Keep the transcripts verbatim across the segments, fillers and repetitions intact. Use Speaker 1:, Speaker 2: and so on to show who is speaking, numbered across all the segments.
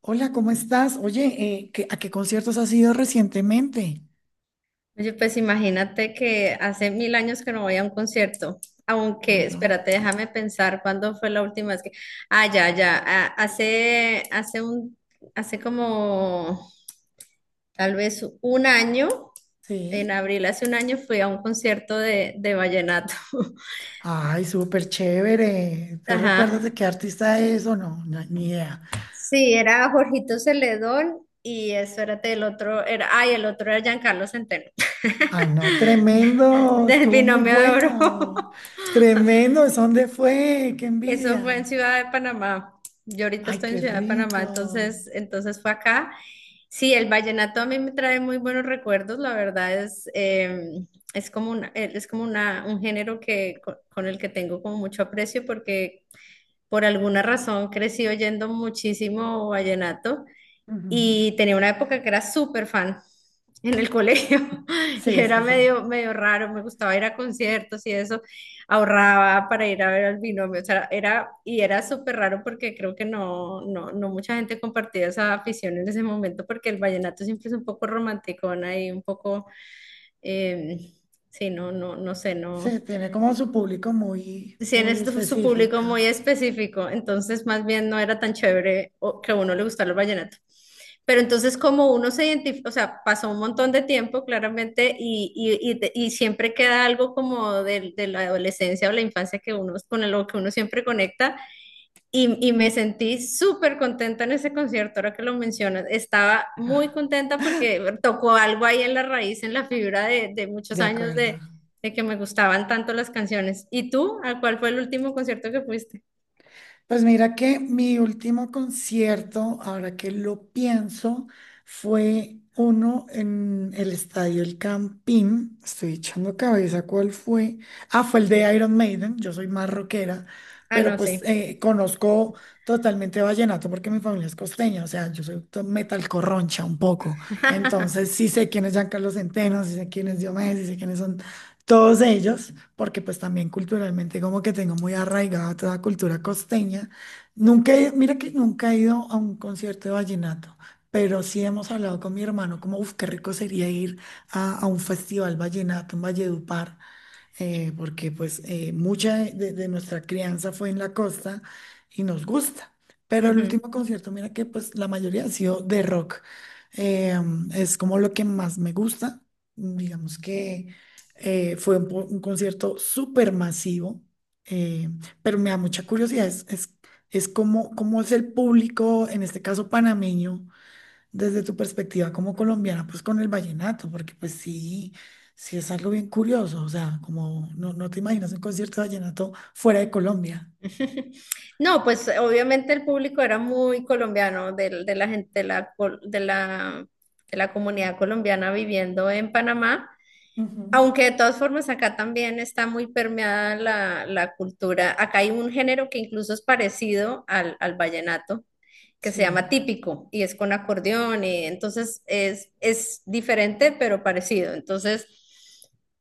Speaker 1: Hola, ¿cómo estás? Oye, eh, ¿qué- ¿a qué conciertos has ido recientemente?
Speaker 2: Oye, pues imagínate que hace mil años que no voy a un concierto, aunque,
Speaker 1: No,
Speaker 2: espérate, déjame pensar cuándo fue la última vez que, ah, ya, ya, ah, hace, hace un, hace como tal vez un año, en
Speaker 1: sí.
Speaker 2: abril, hace un año fui a un concierto de, de vallenato.
Speaker 1: Ay, súper chévere. ¿Tú recuerdas
Speaker 2: Ajá.
Speaker 1: de qué artista es o no? No, ni idea.
Speaker 2: Sí, era Jorgito Celedón y espérate, el otro era, ay, el otro era Giancarlo Centeno,
Speaker 1: Ay, no, tremendo.
Speaker 2: del
Speaker 1: Estuvo muy
Speaker 2: binomio de oro.
Speaker 1: bueno. Tremendo. ¿Es dónde fue? ¡Qué
Speaker 2: Eso fue en
Speaker 1: envidia!
Speaker 2: Ciudad de Panamá. Yo ahorita
Speaker 1: Ay,
Speaker 2: estoy en
Speaker 1: qué
Speaker 2: Ciudad de Panamá,
Speaker 1: rico.
Speaker 2: entonces, entonces fue acá. Sí, el vallenato a mí me trae muy buenos recuerdos, la verdad es, eh, es como una, eh, es como una, un género que, co- con, el que tengo como mucho aprecio porque por alguna razón crecí oyendo muchísimo vallenato
Speaker 1: Ujú.
Speaker 2: y tenía una época que era súper fan en el colegio. Y
Speaker 1: Sí,
Speaker 2: era
Speaker 1: sí, sí.
Speaker 2: medio, medio raro, me gustaba ir a conciertos y eso, ahorraba para ir a ver al binomio, o sea, era, y era súper raro porque creo que no, no, no mucha gente compartía esa afición en ese momento porque el vallenato siempre es un poco romanticón ahí, un poco, eh, sí, no, no, no sé,
Speaker 1: Sí,
Speaker 2: no.
Speaker 1: tiene como su público muy,
Speaker 2: Sí,
Speaker 1: muy
Speaker 2: es su su público muy
Speaker 1: específica.
Speaker 2: específico, entonces más bien no era tan chévere o- que a uno le gustara el vallenato. Pero entonces como uno se identifica, o sea, pasó un montón de tiempo claramente y, y- y te- y siempre queda algo como de, de la adolescencia o la infancia que uno, con lo que uno siempre conecta, y, y me sentí súper contenta en ese concierto, ahora que lo mencionas. Estaba muy contenta porque tocó algo ahí en la raíz, en la fibra de, de muchos
Speaker 1: De
Speaker 2: años
Speaker 1: acuerdo.
Speaker 2: de, de que me gustaban tanto las canciones. ¿Y tú? ¿A cuál fue el último concierto que fuiste?
Speaker 1: Pues mira que mi último concierto, ahora que lo pienso, fue uno en el Estadio El Campín. Estoy echando cabeza cuál fue. Ah, fue el de Iron Maiden. Yo soy más rockera,
Speaker 2: Ah,
Speaker 1: pero
Speaker 2: no
Speaker 1: pues
Speaker 2: sé.
Speaker 1: eh, conozco totalmente vallenato porque mi familia es costeña. O sea, yo soy to- metal corroncha un poco. Entonces sí sé quién es Giancarlo Centeno, sí sé quién es Diomedes, sí sé quiénes son todos ellos porque pues también culturalmente como que tengo muy arraigada toda la cultura costeña. Nunca he- Mira que nunca he ido a un concierto de vallenato, pero sí hemos hablado con mi hermano como, uff, qué rico sería ir a, a un festival vallenato en Valledupar, eh, porque pues eh, mucha de, de- de nuestra crianza fue en la costa y nos gusta. Pero el
Speaker 2: Ujú.
Speaker 1: último concierto, mira que pues la mayoría ha sido de rock. Eh, mm, es como lo que más me gusta. Mm, Digamos que eh, fue un, po- un concierto súper masivo, eh, pero me da mucha curiosidad. Es, es, es como, cómo es el público, en este caso panameño desde tu perspectiva como colombiana, pues con el vallenato, porque pues sí, sí es algo bien curioso, o sea, como no, no te imaginas un concierto de vallenato fuera de Colombia.
Speaker 2: No, pues obviamente el público era muy colombiano, del de la gente, de la, col- de la, de la comunidad colombiana viviendo en Panamá.
Speaker 1: Ujú.
Speaker 2: Aunque de todas formas acá también está muy permeada la, la cultura. Acá hay un género que incluso es parecido al, al vallenato, que se llama
Speaker 1: Sí.
Speaker 2: típico y es con acordeón y entonces es, es diferente pero parecido. Entonces,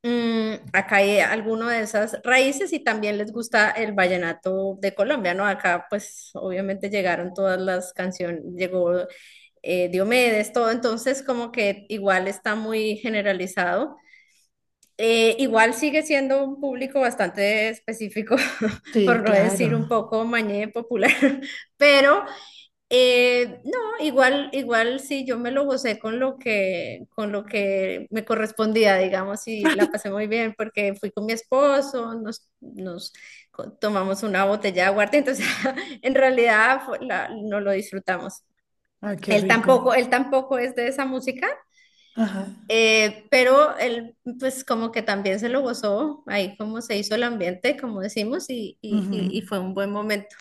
Speaker 2: mm, acá hay alguno de esas raíces y también les gusta el vallenato de Colombia, ¿no? Acá pues obviamente llegaron todas las canciones, llegó eh, Diomedes, todo, entonces como que igual está muy generalizado. Eh, igual sigue siendo un público bastante específico, por
Speaker 1: Sí,
Speaker 2: no
Speaker 1: claro.
Speaker 2: decir un poco mañé popular, pero eh, no, igual, igual sí, yo me lo gocé con lo que, con lo que me correspondía, digamos, y la pasé muy bien porque fui con mi esposo, nos, nos co- tomamos una botella de aguardiente, entonces en realidad fue la- no lo disfrutamos.
Speaker 1: Ay, qué
Speaker 2: Él
Speaker 1: rico.
Speaker 2: tampoco, él tampoco es de esa música,
Speaker 1: Ajá.
Speaker 2: eh, pero él, pues como que también se lo gozó, ahí como se hizo el ambiente, como decimos, y, y-
Speaker 1: Ujú.
Speaker 2: y- y fue un buen momento.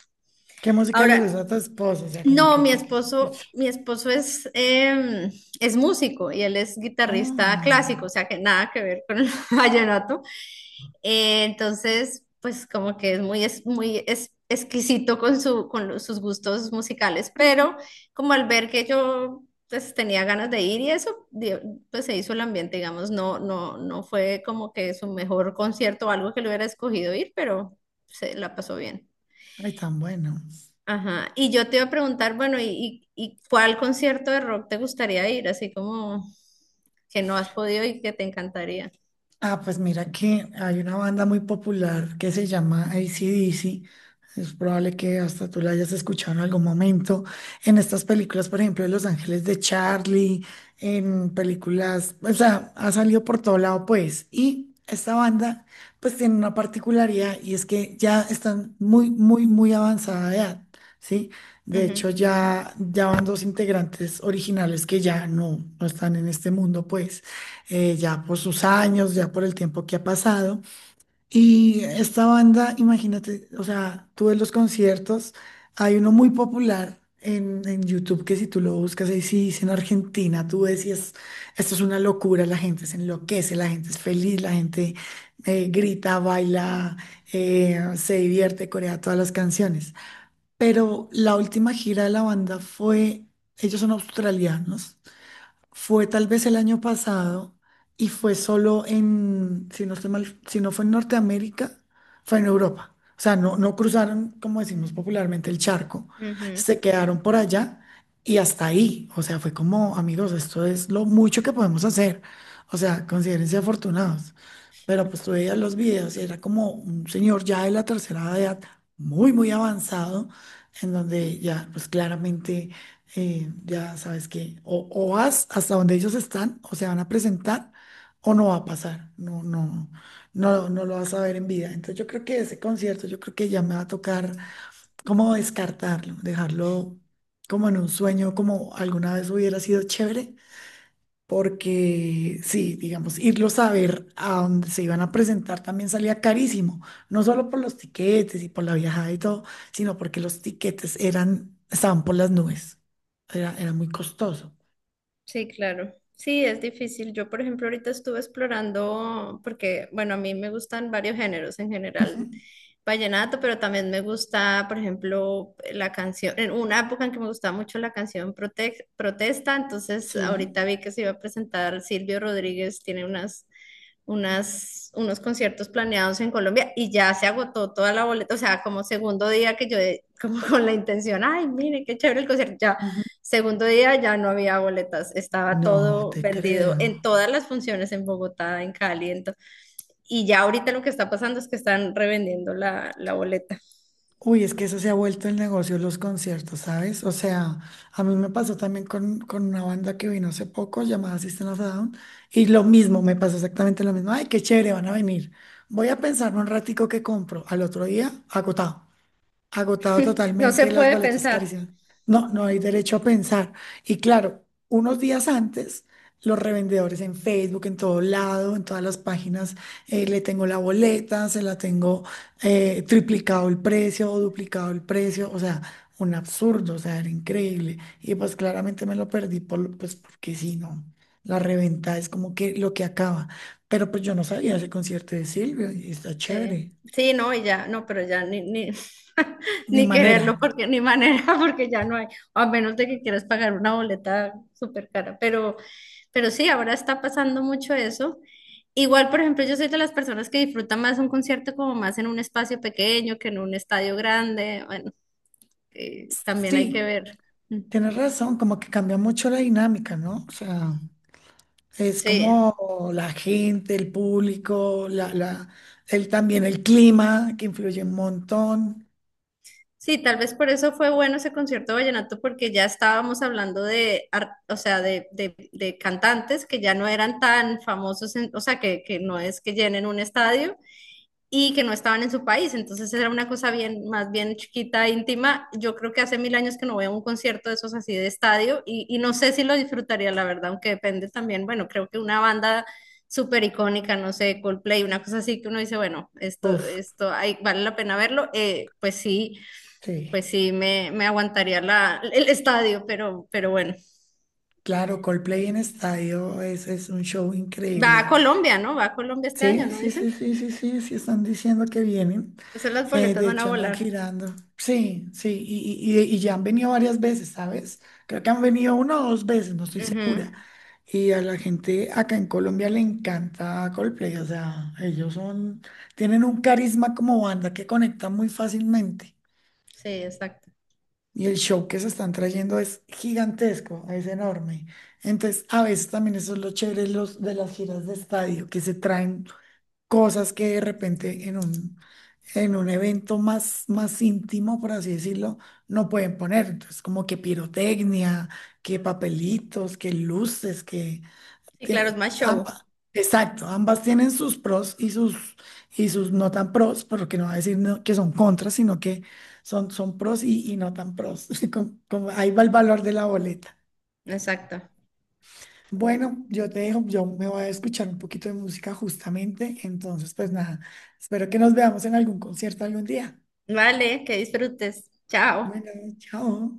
Speaker 1: ¿Qué música le
Speaker 2: Ahora,
Speaker 1: gusta a tu esposo? O sea, como
Speaker 2: no,
Speaker 1: que,
Speaker 2: mi
Speaker 1: que, que- pues,
Speaker 2: esposo, mi esposo es, em, es músico y él es guitarrista
Speaker 1: oh,
Speaker 2: clásico, o sea que nada que ver con el vallenato. Eh, entonces, pues como que es muy, es muy es- exquisito con, su, con los- sus gustos musicales, pero como al ver que yo pues tenía ganas de ir y eso, di- pues se hizo el ambiente, digamos, no, no, no fue como que su mejor concierto o algo que le hubiera escogido ir, pero se la pasó bien.
Speaker 1: ay, tan bueno.
Speaker 2: Ajá, y yo te iba a preguntar, bueno, ¿y, y, y cuál concierto de rock te gustaría ir? Así como que no has podido y que te encantaría.
Speaker 1: Ah, pues mira que hay una banda muy popular que se llama A C/D C. Es probable que hasta tú la hayas escuchado en algún momento. En estas películas, por ejemplo, de Los Ángeles de Charlie, en películas, o sea, ha salido por todo lado, pues. Y esta banda, pues tiene una particularidad y es que ya están muy, muy, muy avanzada de edad, ¿sí? De
Speaker 2: Ujú,
Speaker 1: hecho, ya, ya van dos integrantes originales que ya no, no están en este mundo, pues eh, ya por sus años, ya por el tiempo que ha pasado. Y esta banda, imagínate, o sea, tuve los conciertos, hay uno muy popular en, en YouTube que si tú lo buscas ahí, sí, dice en Argentina, tú decías, esto es una locura, la gente se enloquece, la gente es feliz, la gente eh, grita, baila, eh, se divierte, corea todas las canciones. Pero la última gira de la banda fue, ellos son australianos. Fue tal vez el año pasado y fue solo en, si no estoy mal, si no fue en Norteamérica, fue en Europa. O sea, no, no cruzaron, como decimos popularmente, el charco.
Speaker 2: ujú.
Speaker 1: Se quedaron por allá y hasta ahí. O sea, fue como, amigos, esto es lo mucho que podemos hacer. O sea, considérense afortunados. Pero pues tú veías los videos y era como un señor ya de la tercera edad, muy, muy avanzado, en donde ya, pues claramente eh, ya sabes que o, o vas hasta donde ellos están o se van a presentar o no va a pasar, no, no, no, no lo vas a ver en vida. Entonces yo creo que ese concierto, yo creo que ya me va a tocar como descartarlo, dejarlo como en un sueño, como alguna vez hubiera sido chévere, porque sí, digamos, irlos a ver a donde se iban a presentar también salía carísimo, no solo por los tiquetes y por la viajada y todo, sino porque los tiquetes eran, estaban por las nubes, era, era muy costoso.
Speaker 2: Sí, claro. Sí, es difícil. Yo, por ejemplo, ahorita estuve explorando, porque, bueno, a mí me gustan varios géneros en
Speaker 1: Ujú.
Speaker 2: general, vallenato, pero también me gusta, por ejemplo, la canción, en una época en que me gustaba mucho la canción Prote- Protesta, entonces ahorita
Speaker 1: Sí.
Speaker 2: vi que se iba a presentar Silvio Rodríguez, tiene unas unas, unos conciertos planeados en Colombia y ya se agotó toda la boleta, o sea, como segundo día que yo, de- como con la intención, ay, mire, qué chévere el concierto, ya,
Speaker 1: Ujú.
Speaker 2: segundo día ya no había boletas, estaba
Speaker 1: No
Speaker 2: todo
Speaker 1: te
Speaker 2: vendido en
Speaker 1: creo.
Speaker 2: todas las funciones en Bogotá, en Cali, en to- y ya ahorita lo que está pasando es que están revendiendo la, la boleta.
Speaker 1: Uy, es que eso se ha vuelto el negocio, los conciertos, ¿sabes? O sea, a mí me pasó también con, con una banda que vino hace poco llamada System of a Down y lo mismo, me pasó exactamente lo mismo. Ay, qué chévere, van a venir. Voy a pensar un ratico que compro. Al otro día, agotado agotado
Speaker 2: No se
Speaker 1: totalmente, las
Speaker 2: puede
Speaker 1: boletas
Speaker 2: pensar.
Speaker 1: carísimas. No, no hay derecho a pensar. Y claro, unos días antes, los revendedores en Facebook, en todo lado, en todas las páginas, eh, le tengo la boleta, se la tengo eh, triplicado el precio o duplicado el precio, o sea, un absurdo, o sea, era increíble. Y pues claramente me lo perdí, por, pues porque si no, la reventa es como que lo que acaba. Pero pues yo no sabía ese concierto de Silvio y está
Speaker 2: Sí,
Speaker 1: chévere.
Speaker 2: sí, no, y ya, no, pero ya ni, ni,
Speaker 1: Ni
Speaker 2: ni
Speaker 1: manera.
Speaker 2: quererlo, porque ni manera, porque ya no hay, a menos de que quieras pagar una boleta súper cara, pero, pero sí, ahora está pasando mucho eso. Igual, por ejemplo, yo soy de las personas que disfrutan más un concierto como más en un espacio pequeño que en un estadio grande, bueno, eh, también hay que
Speaker 1: Sí,
Speaker 2: ver. Mm.
Speaker 1: tienes razón, como que cambia mucho la dinámica, ¿no? O sea, es
Speaker 2: Sí,
Speaker 1: como la gente, el público, la, la, el, también el clima, que influye un montón.
Speaker 2: sí, tal vez por eso fue bueno ese concierto de vallenato, porque ya estábamos hablando de, ar- o sea, de, de- de cantantes que ya no eran tan famosos, en- o sea, que, que no es que llenen un estadio y que no estaban en su país. Entonces era una cosa bien, más bien chiquita, íntima. Yo creo que hace mil años que no veo un concierto de esos así de estadio y, y no sé si lo disfrutaría, la verdad, aunque depende también, bueno, creo que una banda súper icónica, no sé, Coldplay, una cosa así que uno dice, bueno, esto,
Speaker 1: Uf,
Speaker 2: esto hay- vale la pena verlo, eh, pues sí,
Speaker 1: sí.
Speaker 2: pues sí, me, me aguantaría la, el estadio, pero, pero bueno.
Speaker 1: Claro, Coldplay en estadio es, es un show
Speaker 2: Va a
Speaker 1: increíble.
Speaker 2: Colombia, ¿no? Va a Colombia este año,
Speaker 1: Sí,
Speaker 2: ¿no
Speaker 1: sí,
Speaker 2: dicen?
Speaker 1: sí, sí, sí, sí, sí, están diciendo que vienen.
Speaker 2: Entonces las
Speaker 1: Eh,
Speaker 2: boletas
Speaker 1: de
Speaker 2: van a
Speaker 1: hecho, andan
Speaker 2: volar.
Speaker 1: girando. Sí, sí, y, y- y- y ya han venido varias veces, ¿sabes? Creo que han venido una o dos veces, no estoy
Speaker 2: Ujú,
Speaker 1: segura. Y a la gente acá en Colombia le encanta Coldplay, o sea, ellos son, tienen un carisma como banda que conecta muy fácilmente.
Speaker 2: sí, exacto.
Speaker 1: Y el show que se están trayendo es gigantesco, es enorme. Entonces, a veces también eso es lo chévere de los, de las giras de estadio, que se traen cosas que de repente en un, en un evento más, más íntimo, por así decirlo, no pueden poner. Entonces, como que pirotecnia, que papelitos, que luces, que...
Speaker 2: Y claro, es
Speaker 1: tiene-
Speaker 2: más show.
Speaker 1: amba- exacto, ambas tienen sus pros y sus, y sus no tan pros, porque no va a decir no- que son contras, sino que son, son pros y, y no tan pros. Como- como ahí va el valor de la boleta.
Speaker 2: Exacto.
Speaker 1: Bueno, yo te dejo, yo me voy a escuchar un poquito de música justamente, entonces pues nada, espero que nos veamos en algún concierto algún día.
Speaker 2: Vale, que disfrutes. Chao.
Speaker 1: Bueno, chao.